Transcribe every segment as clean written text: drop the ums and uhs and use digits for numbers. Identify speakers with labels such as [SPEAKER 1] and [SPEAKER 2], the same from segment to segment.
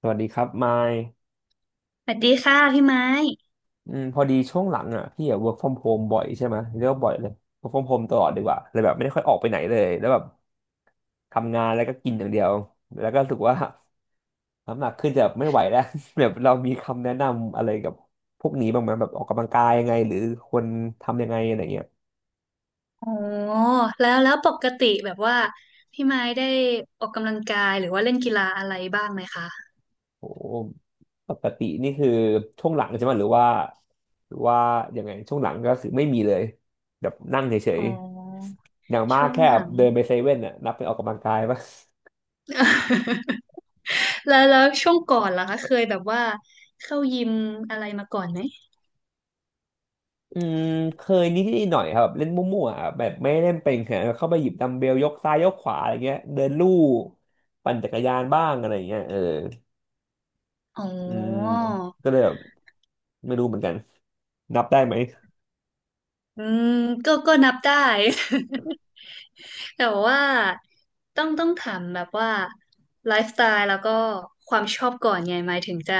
[SPEAKER 1] สวัสดีครับมาย
[SPEAKER 2] สวัสดีค่ะพี่ไม้
[SPEAKER 1] พอดีช่วงหลังอ่ะพี่อ่ะ work from home บ่อยใช่ไหมเรียกว่าบ่อยเลย work from home ตลอดดีกว่าเลยแบบไม่ได้ค่อยออกไปไหนเลยแล้วแบบทำงานแล้วก็กินอย่างเดียวแล้วก็รู้สึกว่าน้ำหนักขึ้นจะไม่ไหวแล้ว แบบเรามีคำแนะนำอะไรกับพวกนี้บ้างไหมแบบออกกำลังกายยังไงหรือควรทำยังไงอะไรเงี้ย
[SPEAKER 2] โอ้แล้วปกติแบบว่าพี่ไม้ได้ออกกำลังกายหรือว่าเล่นกีฬาอะไรบ้างไหมคะ
[SPEAKER 1] โอ้ปกตินี่คือช่วงหลังใช่ไหมหรือว่าหรือว่ายังไงช่วงหลังก็คือไม่มีเลยแบบนั่งเฉ
[SPEAKER 2] อ๋
[SPEAKER 1] ย
[SPEAKER 2] อ
[SPEAKER 1] ๆอย่างมาก
[SPEAKER 2] ช่วง
[SPEAKER 1] แค่
[SPEAKER 2] หลัง
[SPEAKER 1] เดินไปเซเว่นน่ะนับเป็นออกกำลังกายปะ
[SPEAKER 2] แล้วช่วงก่อนล่ะคะเคยแบบว่าเข้ายิมอะไรมาก่อนไหม
[SPEAKER 1] อืมเคยนิดๆหน่อยครับเล่นมั่วๆอะแบบไม่ได้เล่นเป็นแค่เข้าไปหยิบดัมเบลยกซ้ายยกขวาอะไรเงี้ยเดินลู่ปั่นจักรยานบ้างอะไรเงี้ยเออ
[SPEAKER 2] อ๋อ
[SPEAKER 1] อืมก็เลยแบบไม่รู้เหมือนกันนับได้ไหม
[SPEAKER 2] อืมก็นับได้ แต่ว่าต้องถามแบบว่าไลฟ์สไตล์แล้วก็ความชอบก่อนไงหมายถึงจะ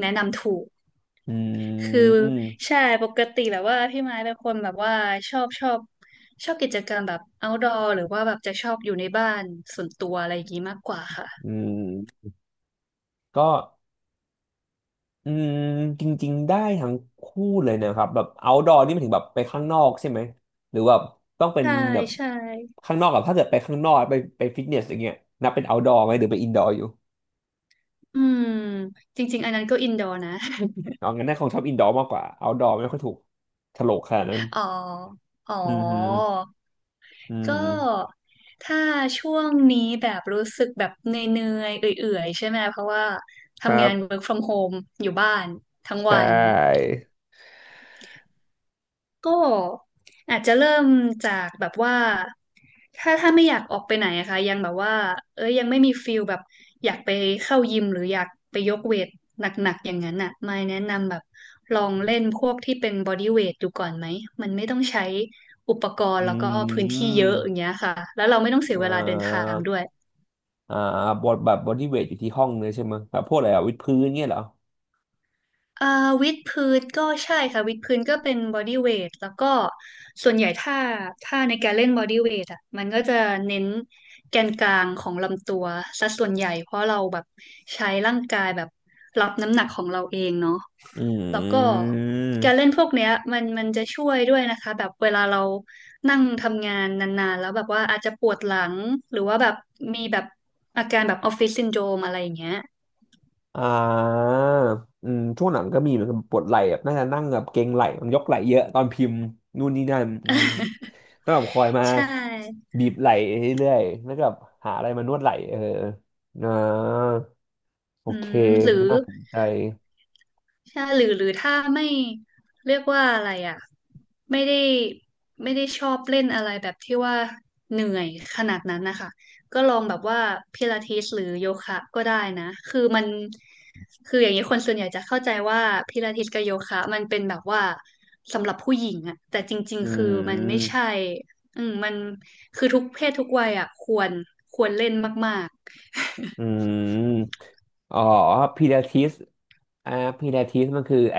[SPEAKER 2] แนะนำถูก
[SPEAKER 1] อื
[SPEAKER 2] คือ
[SPEAKER 1] ม
[SPEAKER 2] ใช่ปกติแบบว่าพี่ไม้เป็นคนแบบว่าชอบชอบกิจกรรมแบบ outdoor หรือว่าแบบจะชอบอยู่ในบ้านส่วนตัวอะไรอย่างงี้มากกว่าค่ะ
[SPEAKER 1] อืมก็ อืมจริงๆได้ทั้งคู่เลยนะครับแบบ outdoor นี่หมายถึงแบบไปข้างนอกใช่ไหมหรือว่าต้องเป็น
[SPEAKER 2] ใช่
[SPEAKER 1] แบบ
[SPEAKER 2] ใช่
[SPEAKER 1] ข้างนอกกับถ้าเกิดไปข้างนอกไปไปฟิตเนสอย่างเงี้ยนับเป็น outdoor ไหมหรือไป indoor อยู่
[SPEAKER 2] อืมจริงๆอันนั้นก็ indoor นะ
[SPEAKER 1] เอางั้นน่าคงชอบ indoor มากกว่า outdoor ไม่ค่อยถูกโฉลกขนาดนั้น
[SPEAKER 2] อ๋ออ๋อ
[SPEAKER 1] อืมฮึอื
[SPEAKER 2] ก็
[SPEAKER 1] ม
[SPEAKER 2] ถ้าช่วงนี้แบบรู้สึกแบบเหนื่อยๆเอื่อยๆใช่ไหมเพราะว่า
[SPEAKER 1] ครั
[SPEAKER 2] ทำงาน
[SPEAKER 1] บ
[SPEAKER 2] work from home อยู่บ้านทั้ง
[SPEAKER 1] ใช่
[SPEAKER 2] วัน ก็อาจจะเริ่มจากแบบว่า ถ้าไม่อยากออกไปไหนอะค่ะยังแบบว่าเอ้ยยังไม่มีฟิลแบบอยากไปเข้ายิมหรืออยากไปยกเวทหนักๆอย่างนั้นอะไม่แนะนำแบบลองเล่นพวกที่เป็นบอดี้เวทดูก่อนไหม มันไม่ต้องใช้อุปกร
[SPEAKER 1] อื
[SPEAKER 2] ณ์แล้วก็พื้นที่เยอะอย่าง
[SPEAKER 1] ม
[SPEAKER 2] เงี้ยค่ะ แล้วเราไม่ต้องเสี
[SPEAKER 1] เอ่
[SPEAKER 2] ย
[SPEAKER 1] อ
[SPEAKER 2] เวลาเดินทางด้วย
[SPEAKER 1] อ่าบอดแบบบอดี้เวทอยู่ที่ห้องเลยใช่ไหมแบบพวกอะไรอะวิดพื้นเงี้ยเหรอ
[SPEAKER 2] เอ่อวิดพื้นก็ใช่ค่ะวิดพื้นก็เป็นบอดี้เวทแล้วก็ส่วนใหญ่ถ้าในการเล่นบอดี้เวทอ่ะมันก็จะเน้นแกนกลางของลำตัวซะส่วนใหญ่เพราะเราแบบใช้ร่างกายแบบรับน้ำหนักของเราเองเนาะ
[SPEAKER 1] อ
[SPEAKER 2] แล้วก็
[SPEAKER 1] ื
[SPEAKER 2] การ
[SPEAKER 1] ม
[SPEAKER 2] เล่นพวกเนี้ยมันจะช่วยด้วยนะคะแบบเวลาเรานั่งทำงานนานๆแล้วแบบว่าอาจจะปวดหลังหรือว่าแบบมีแบบอาการแบบออฟฟิศซินโดรมอะไรอย่างเงี้ย
[SPEAKER 1] อ่าช่วงหลังก็มีเหมือนกับปวดไหล่แบบน่าจะนั่งแบบเกร็งไหล่มันยกไหล่เยอะตอนพิมพ์นู่นนี่นั่นต้องแบบคอย มา
[SPEAKER 2] ใช่
[SPEAKER 1] บีบไหล่เรื่อยๆแล้วก็แบบหาอะไรมานวดไหล่เอออ่าโอ
[SPEAKER 2] อื
[SPEAKER 1] เค
[SPEAKER 2] มหรือ
[SPEAKER 1] น่าสนใจ
[SPEAKER 2] ใช่หรือถ้าไม่เรียกว่าอะไรอ่ะไม่ได้ไม่ได้ชอบเล่นอะไรแบบที่ว่าเหนื่อยขนาดนั้นนะคะก็ลองแบบว่าพิลาทิสหรือโยคะก็ได้นะคือมันคืออย่างนี้คนส่วนใหญ่จะเข้าใจว่าพิลาทิสกับโยคะมันเป็นแบบว่าสำหรับผู้หญิงอะแต่จริง
[SPEAKER 1] อื
[SPEAKER 2] ๆคือมันไม่
[SPEAKER 1] ม
[SPEAKER 2] ใช่อืมมันคือทุกเพศทุกวัยอะควรเล่นมาก
[SPEAKER 1] อืมอ๋อพิลาทิสอ่าพิลาทิสมันคือไอ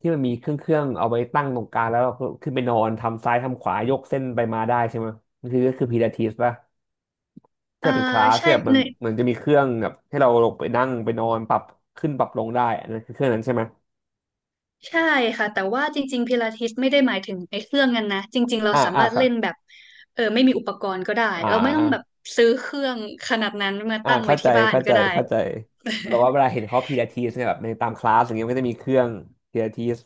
[SPEAKER 1] ที่มันมีเครื่องเอาไว้ตั้งตรงกลางแล้วก็ขึ้นไปนอนทำซ้ายทำขวายกเส้นไปมาได้ใช่ไหมมันคือก็คือพิลาทิสป่ะ
[SPEAKER 2] ๆ
[SPEAKER 1] ถ้าเป็นคลาส
[SPEAKER 2] ใช่
[SPEAKER 1] เนี่ยมันจะมีเครื่องแบบให้เราลงไปนั่งไปนอนปรับขึ้นปรับลงได้อันนั้นคือเครื่องนั้นใช่ไหม
[SPEAKER 2] ใช่ค่ะแต่ว่าจริงๆ พิลาทิสไม่ได้หมายถึงไอ้เครื่องนั้นนะจริงๆเรา
[SPEAKER 1] อ่า
[SPEAKER 2] สา
[SPEAKER 1] อ่า
[SPEAKER 2] มารถ
[SPEAKER 1] ค่ะ
[SPEAKER 2] เล่นแบบไม่มีอุปกรณ์ก็ได้
[SPEAKER 1] อ่
[SPEAKER 2] เราไม่ต้องแบบ
[SPEAKER 1] า
[SPEAKER 2] ซื้อเครื่องขนาดนั้นมา
[SPEAKER 1] อ่า
[SPEAKER 2] ตั้งไว้
[SPEAKER 1] เข้าใจ
[SPEAKER 2] ที่บ้านก็ได้
[SPEAKER 1] เข้าใจแบบว่าเวลา เห็นเขาพีลาทิสเนี่ยแบบในตามคลาสอย่างเงี้ยมันก็จะมีเครื่องพีลาทิส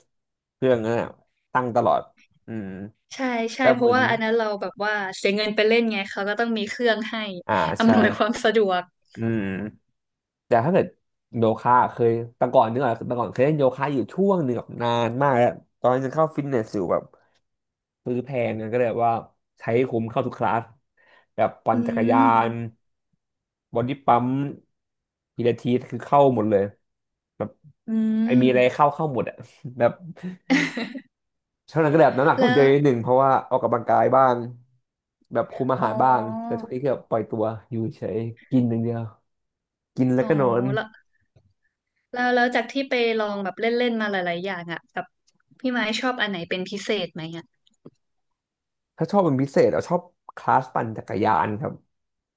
[SPEAKER 1] เครื่องนั้นน่ะตั้งตลอดอืม
[SPEAKER 2] ใช่ใช่
[SPEAKER 1] แต่
[SPEAKER 2] เพ
[SPEAKER 1] เห
[SPEAKER 2] ราะ
[SPEAKER 1] มือน
[SPEAKER 2] ว่าอันนั้นเราแบบว่าเสียเงินไปเล่นไงเขาก็ต้องมีเครื่องให้
[SPEAKER 1] อ่าใช่
[SPEAKER 2] อำนวยความสะดวก
[SPEAKER 1] อืมแต่ถ้าเกิดโยคะเคยแต่ก่อนนึกออกแต่ก่อนเคยเล่นโยคะอยู่ช่วงหนึ่งแบบนานมากแล้วตอนนั้นยังเข้าฟิตเนสอยู่แบบ ซื้อแพงนะก็เลยแบบว่าใช้คุ้มเข้าทุกคลาสแบบปั่
[SPEAKER 2] อื
[SPEAKER 1] นจักรยา
[SPEAKER 2] ม
[SPEAKER 1] นบอดี้ปั๊มพิลาทิสคือเข้าหมดเลยแบบ
[SPEAKER 2] อื
[SPEAKER 1] ไอ
[SPEAKER 2] ม
[SPEAKER 1] มีอะไร เข้าหมดอะ แบบช่วงนั้นก็แบบน้ำหนักล
[SPEAKER 2] แล้
[SPEAKER 1] ดเย
[SPEAKER 2] ว
[SPEAKER 1] อะนิดหนึ่งเพราะว่าออกกำลังกายบ้างแบบคุมอา
[SPEAKER 2] อ๋อ
[SPEAKER 1] หารบ้างแต่ช่วงนี้คือแบบปล่อยตัวอยู่เฉยกินอย่างเดียวกินแล้
[SPEAKER 2] อ๋
[SPEAKER 1] ว
[SPEAKER 2] อ
[SPEAKER 1] ก็นอน
[SPEAKER 2] แล้วแล้วจากที่ไปลองแบบเล่นๆมาหลายๆอย่างอ่ะแบบพี่ไม้ชอบอันไหนเป็นพิเศษไหมอ่ะ
[SPEAKER 1] ถ้าชอบเป็นพิเศษเอาชอบคลาสปั่นจักรยานครับ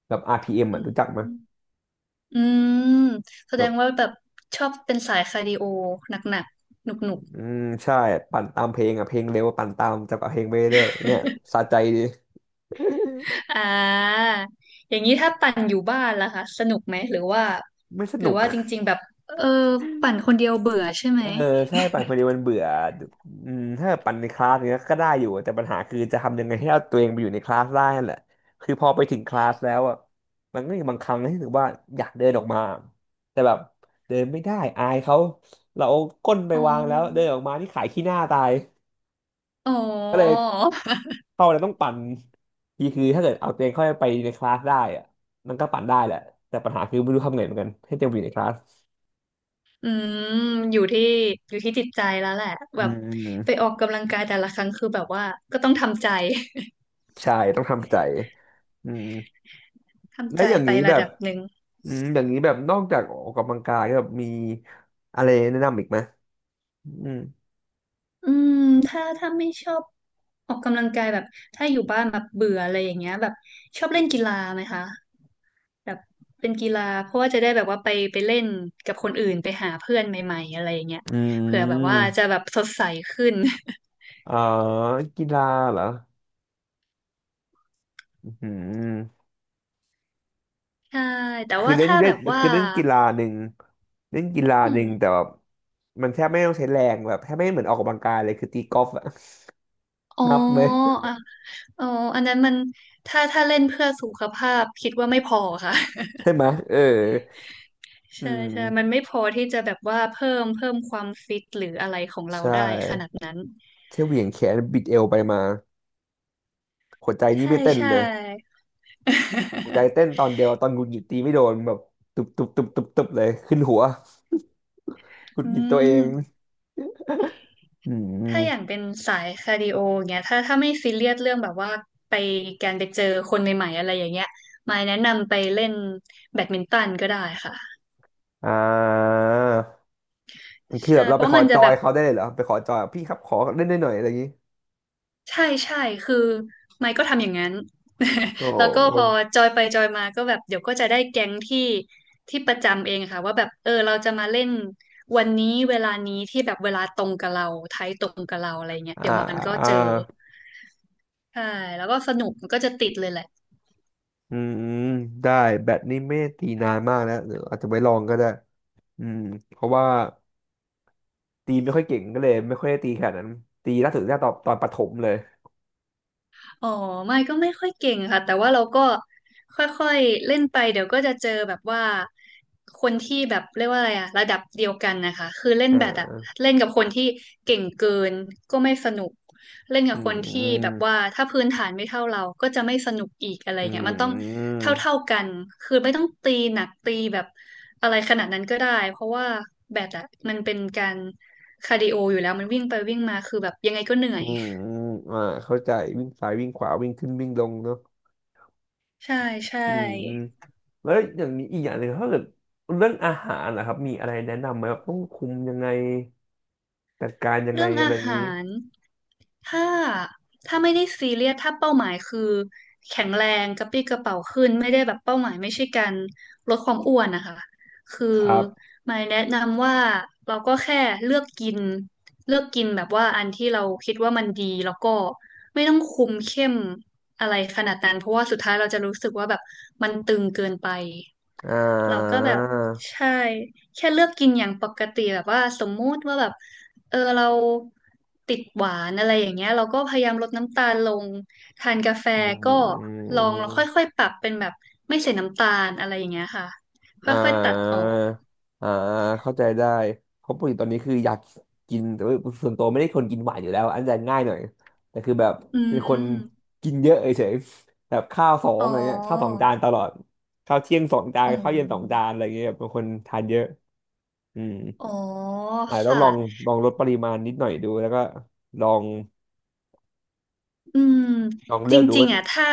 [SPEAKER 1] แบบอาร์พี m อม
[SPEAKER 2] อื
[SPEAKER 1] อ่ะ
[SPEAKER 2] ม
[SPEAKER 1] รู้จักไหมย
[SPEAKER 2] อืมแสด
[SPEAKER 1] แบบ
[SPEAKER 2] งว่าแบบชอบเป็นสายคาร์ดิโอหนักๆหนุก
[SPEAKER 1] ใช่ปั่นตามเพลงอ่ะเพลงเร็วปั่นตามจับกับเพลงไปเรื่อยๆเนี่ยสะใจดี
[SPEAKER 2] ๆ อ่าอย่างนี้ถ้าปั่นอยู่บ้านล่ะคะสนุกไหมหรือว่า
[SPEAKER 1] ไม่ส
[SPEAKER 2] ห
[SPEAKER 1] นุ
[SPEAKER 2] รือ
[SPEAKER 1] ก
[SPEAKER 2] ว่าจริงๆแบบเออปั่นคนเดียวเบื่อใช่ไหม
[SPEAKER 1] เออใช่ปั่นคนเดียวมันเบื่อถ้าปั่นในคลาสเนี้ยก็ได้อยู่แต่ปัญหาคือจะทำยังไงให้เอาตัวเองไปอยู่ในคลาสได้นั่นแหละคือพอไปถึงคลาสแล้วอ่ะมันก็มีบางครั้งที่รู้สึกว่าอยากเดินออกมาแต่แบบเดินไม่ได้อายเขาเราเอาก้นไป
[SPEAKER 2] อ๋
[SPEAKER 1] วางแล้วเดิ
[SPEAKER 2] อ
[SPEAKER 1] นออกมานี่ขายขี้หน้าตาย
[SPEAKER 2] อ๋อ
[SPEAKER 1] ก็เลย เข้าแล้วต้องปั่นทีคือถ้าเกิดเอาตัวเองเข้าไปในคลาสได้อะมันก็ปั่นได้แหละแต่ปัญหาคือไม่รู้ทำไงเหมือนกันให้เต็มอยู่ในคลาส
[SPEAKER 2] อืมอยู่ที่อยู่ที่จิตใจแล้วแหละ
[SPEAKER 1] อื
[SPEAKER 2] แบบไป
[SPEAKER 1] ม
[SPEAKER 2] ออกกำลังกายแต่ละครั้งคือแบบว่าก็ต้องทำใจ
[SPEAKER 1] ใช่ต้องทำใจอืม แล้
[SPEAKER 2] ทำ
[SPEAKER 1] ว
[SPEAKER 2] ใจ
[SPEAKER 1] อย่าง
[SPEAKER 2] ไป
[SPEAKER 1] นี้แบ
[SPEAKER 2] ระ
[SPEAKER 1] บ
[SPEAKER 2] ดับหนึ่ง
[SPEAKER 1] อย่างนี้แบบนอกจากออกกำลังกายแบบมีอะไรแนะนำอีกไหมอืม
[SPEAKER 2] อืมถ้าไม่ชอบออกกำลังกายแบบถ้าอยู่บ้านแบบเบื่ออะไรอย่างเงี้ยแบบชอบเล่นกีฬาไหมคะแบบเป็นกีฬาเพราะว่าจะได้แบบว่าไปเล่นกับคนอื่นไปหาเพื่อนใหม่ๆอะไรอย่างเงี้ย
[SPEAKER 1] อื
[SPEAKER 2] เผื่อแบบว่าจะ
[SPEAKER 1] ม
[SPEAKER 2] แบบสดใสขึ้น
[SPEAKER 1] เอ่อกีฬาเหรออืม
[SPEAKER 2] ใช่แต่
[SPEAKER 1] คือ
[SPEAKER 2] ว่า
[SPEAKER 1] เล่น
[SPEAKER 2] ถ้า
[SPEAKER 1] เล่
[SPEAKER 2] แบ
[SPEAKER 1] น
[SPEAKER 2] บว่า
[SPEAKER 1] คือเล่นกีฬาหนึ่งเล่นกีฬา
[SPEAKER 2] อื
[SPEAKER 1] ห
[SPEAKER 2] ม
[SPEAKER 1] นึ่งแต่แบบมันแทบไม่ต้องใช้แรงแบบแทบไม่เหมือนออกกำลังกายเลยคือตีกอล์ฟอะ
[SPEAKER 2] อ๋อ
[SPEAKER 1] นับไหม
[SPEAKER 2] อ่ะอ๋ออันนั้นมันถ้าเล่นเพื่อสุขภาพคิดว่าไม่พอค่ะ
[SPEAKER 1] ใช่ไหมเอออื
[SPEAKER 2] ใช่
[SPEAKER 1] ม
[SPEAKER 2] ใช่มันไม่พอที่จะแบบว่าเพิ่มความฟิตหรืออะไรของเรา
[SPEAKER 1] ใช่
[SPEAKER 2] ได้ขนาดนั้น
[SPEAKER 1] แค่เหวี่ยงแขนบิดเอวไปมาหัวใจนี่
[SPEAKER 2] ใช่
[SPEAKER 1] ไม่เต้น
[SPEAKER 2] ใช่
[SPEAKER 1] เลยหัวใจเต้น ตอนเดียวตอนหงุดหงิดตีไม่โดนแบบตุบตุบตุบตุบตุบเลยขึ้นหัวหงุด
[SPEAKER 2] อื
[SPEAKER 1] หงิดตัวเอง
[SPEAKER 2] ม
[SPEAKER 1] อื
[SPEAKER 2] ถ้าอย่าง
[SPEAKER 1] ม
[SPEAKER 2] เป็นสายคาร์ดิโอเงี้ยถ้าไม่ซีเรียสเรื่องแบบว่าไปการไปเจอคนใหม่ๆอะไรอย่างเงี้ยมายแนะนำไปเล่นแบดมินตันก็ได้ค่ะ
[SPEAKER 1] อ่าคือ
[SPEAKER 2] ใช่
[SPEAKER 1] แบบเรา
[SPEAKER 2] เพ
[SPEAKER 1] ไป
[SPEAKER 2] ราะ
[SPEAKER 1] ขอ
[SPEAKER 2] มัน
[SPEAKER 1] จ
[SPEAKER 2] จะ
[SPEAKER 1] อ
[SPEAKER 2] แบ
[SPEAKER 1] ย
[SPEAKER 2] บ
[SPEAKER 1] เขาได้เลยเหรอไปขอจอยพี่ครับขอเล่นได้หน่อยอะไรอย่างนี้
[SPEAKER 2] ใช่ใช่คือไมค์ก็ทำอย่างนั้น
[SPEAKER 1] โอ
[SPEAKER 2] แล้วก็พอ
[SPEAKER 1] ้
[SPEAKER 2] จอยไปจอยมาก็แบบเดี๋ยวก็จะได้แก๊งที่ที่ประจำเองค่ะว่าแบบเออเราจะมาเล่นวันนี้เวลานี้ที่แบบเวลาตรงกับเราไทยตรงกับเราอะไรเงี้ย
[SPEAKER 1] อ่า
[SPEAKER 2] เดี๋ยวมันก็
[SPEAKER 1] อ่า
[SPEAKER 2] เจอใช่แล้วก็สนุกมันก็จะติดเลยแหละ
[SPEAKER 1] อืมได้แบตนี่ไม่ได้ตีนานมากแล้วเดี๋ยวอาจจะไว้ลองก็ได้อืมเพราะว่า ตีไม่ค่อยเก่งก็เลยไม่ค่อยได้ตีขนาดนั้นตีล่าสุดได้ตอนประถมเลย
[SPEAKER 2] อ๋อไม่ก็ไม่ค่อยเก่งค่ะแต่ว่าเราก็ค่อยๆเล่นไปเดี๋ยวก็จะเจอแบบว่าคนที่แบบเรียกว่าอะไรอะระดับเดียวกันนะคะคือเล่น
[SPEAKER 1] อ่
[SPEAKER 2] แบดอะ
[SPEAKER 1] า
[SPEAKER 2] เล่นกับคนที่เก่งเกินก็ไม่สนุกเล่นกั
[SPEAKER 1] อื
[SPEAKER 2] บคนที่แบบ
[SPEAKER 1] ม
[SPEAKER 2] ว่าถ้าพื้นฐานไม่เท่าเราก็จะไม่สนุกอีกอะไร
[SPEAKER 1] อื
[SPEAKER 2] เงี้ยมันต้อง
[SPEAKER 1] ม
[SPEAKER 2] เท่าๆกันคือไม่ต้องตีหนักตีแบบอะไรขนาดนั้นก็ได้เพราะว่าแบดอะมันเป็นการคาร์ดิโออยู่แล้วมันวิ่งไปวิ่งมาคือแบบยังไงก็เหนื่อ
[SPEAKER 1] อื
[SPEAKER 2] ย
[SPEAKER 1] มอืมอมอ่าเข้าใจวิ่งซ้ายวิ่งขวาวิ่งขึ้นวิ่งลงเนาะ
[SPEAKER 2] ใช่ใช่
[SPEAKER 1] อืมแล้วอย่างนี้อีกอย่างหนึ่งถ้าเกิดเรื่องอาหารนะครับมีอะไรแนะนำไหมแบบต้องคุมยังไงจัดการยังไง
[SPEAKER 2] เรื่อง
[SPEAKER 1] อะไร
[SPEAKER 2] อา
[SPEAKER 1] อย่างนี้
[SPEAKER 2] หารถ้าถ้าไม่ได้ซีเรียสถ้าเป้าหมายคือแข็งแรงกระปรี้กระเป๋าขึ้นไม่ได้แบบเป้าหมายไม่ใช่การลดความอ้วนนะคะคื
[SPEAKER 1] ค
[SPEAKER 2] อ
[SPEAKER 1] รับ
[SPEAKER 2] หมายแนะนำว่าเราก็แค่เลือกกินเลือกกินแบบว่าอันที่เราคิดว่ามันดีแล้วก็ไม่ต้องคุมเข้มอะไรขนาดนั้นเพราะว่าสุดท้ายเราจะรู้สึกว่าแบบมันตึงเกินไป
[SPEAKER 1] อ่
[SPEAKER 2] เราก็
[SPEAKER 1] า
[SPEAKER 2] แบบใช่ แค่เลือกกินอย่างปกติแบบว่าสมมุติว่าแบบเราติดหวานอะไรอย่างเงี้ยเราก็พยายามลดน้ำตาลลงทานกาแฟ
[SPEAKER 1] อ
[SPEAKER 2] ก็
[SPEAKER 1] ื
[SPEAKER 2] ลองค
[SPEAKER 1] ม
[SPEAKER 2] ่อยๆปรับเป็นแบบไม่ใส่น้ำตาลอะไรอย่างเงี้ยค่ะค
[SPEAKER 1] อ่
[SPEAKER 2] ่อยๆตัดออ
[SPEAKER 1] า
[SPEAKER 2] ก
[SPEAKER 1] อ่าเข้าใจได้เพราะปกติตอนนี้คืออยากกินแต่ว่าส่วนตัวไม่ได้คนกินหวานอยู่แล้วอันจะง่ายหน่อยแต่คือแบบ
[SPEAKER 2] อื
[SPEAKER 1] เป็นคน
[SPEAKER 2] ม
[SPEAKER 1] กินเยอะเฉยๆแบบข้าวสอง
[SPEAKER 2] อ๋อ
[SPEAKER 1] อะไรเงี้ยข้าวสองจานตลอดข้าวเที่ยงสองจาน
[SPEAKER 2] อ๋อ
[SPEAKER 1] ข้าวเย็นสองจานอะไรเงี้ยเป็นคนทานเยอะอืม
[SPEAKER 2] อ๋อ
[SPEAKER 1] อาจจะต้อง
[SPEAKER 2] ค่ะ
[SPEAKER 1] ลองลดปริมาณนิดหน่อยดูแล้วก็ลอง
[SPEAKER 2] อืมจ
[SPEAKER 1] เลือกดู
[SPEAKER 2] ริง
[SPEAKER 1] ว่า
[SPEAKER 2] ๆอ่ะถ้า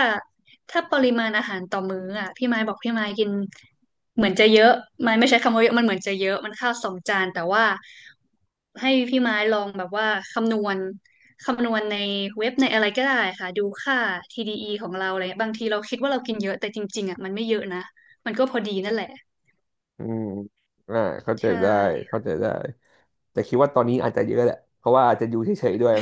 [SPEAKER 2] ถ้าปริมาณอาหารต่อมื้ออ่ะพี่ไม้บอกพี่ไม้กินเหมือนจะเยอะไม้ไม่ใช้คำว่าเยอะมันเหมือนจะเยอะมันข้าวสองจานแต่ว่าให้พี่ไม้ลองแบบว่าคำนวณคำนวณในเว็บในอะไรก็ได้ค่ะดูค่า TDE ของเราอะไรเงี้ยบางทีเราคิดว่าเรากินเยอะแต่จริงๆอ่ะมันไม่เยอะนะมันก็พอดีนั่นแหละ
[SPEAKER 1] อืมอ่าเข้าใจ
[SPEAKER 2] ใช่
[SPEAKER 1] ได้เข้าใจได้แต่คิดว่าตอนนี้อาจจะเยอะแหละเพราะว่าอาจจะอยู่เฉยๆด้วย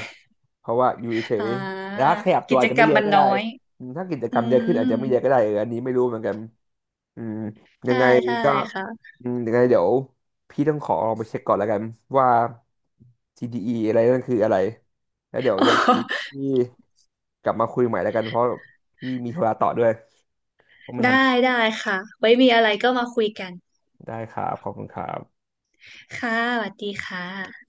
[SPEAKER 1] เพราะว่าอยู่เฉย
[SPEAKER 2] อ่า
[SPEAKER 1] ๆแล้วขยับตัว
[SPEAKER 2] กิจ
[SPEAKER 1] อาจจะ
[SPEAKER 2] กร
[SPEAKER 1] ไม่
[SPEAKER 2] รม
[SPEAKER 1] เยอะ
[SPEAKER 2] มัน
[SPEAKER 1] ก็
[SPEAKER 2] น้
[SPEAKER 1] ได้
[SPEAKER 2] อย
[SPEAKER 1] อืมถ้ากิจ
[SPEAKER 2] อื
[SPEAKER 1] กรรมเยอะขึ้น
[SPEAKER 2] ม
[SPEAKER 1] อาจจะไม่เยอะก็ได้เอออันนี้ไม่รู้เหมือนกันอืมยั
[SPEAKER 2] ใช่
[SPEAKER 1] งไง
[SPEAKER 2] ใช่
[SPEAKER 1] ก็
[SPEAKER 2] ค่ะ
[SPEAKER 1] ยังไงเดี๋ยวพี่ต้องขอลองไปเช็คก่อนแล้วกันว่า TDE ออะไรนั่นคืออะไรแล้วเดี๋ยวยังไง พี่กลับมาคุยใหม่แล้วกันเพราะพี่มีธุระต่อด้วยต้องไปทำ
[SPEAKER 2] ได้
[SPEAKER 1] ธุระ
[SPEAKER 2] ได้ค่ะไว้มีอะไรก็มาคุยกัน
[SPEAKER 1] ได้ครับขอบคุณครับ
[SPEAKER 2] ค่ะสวัสดีค่ะ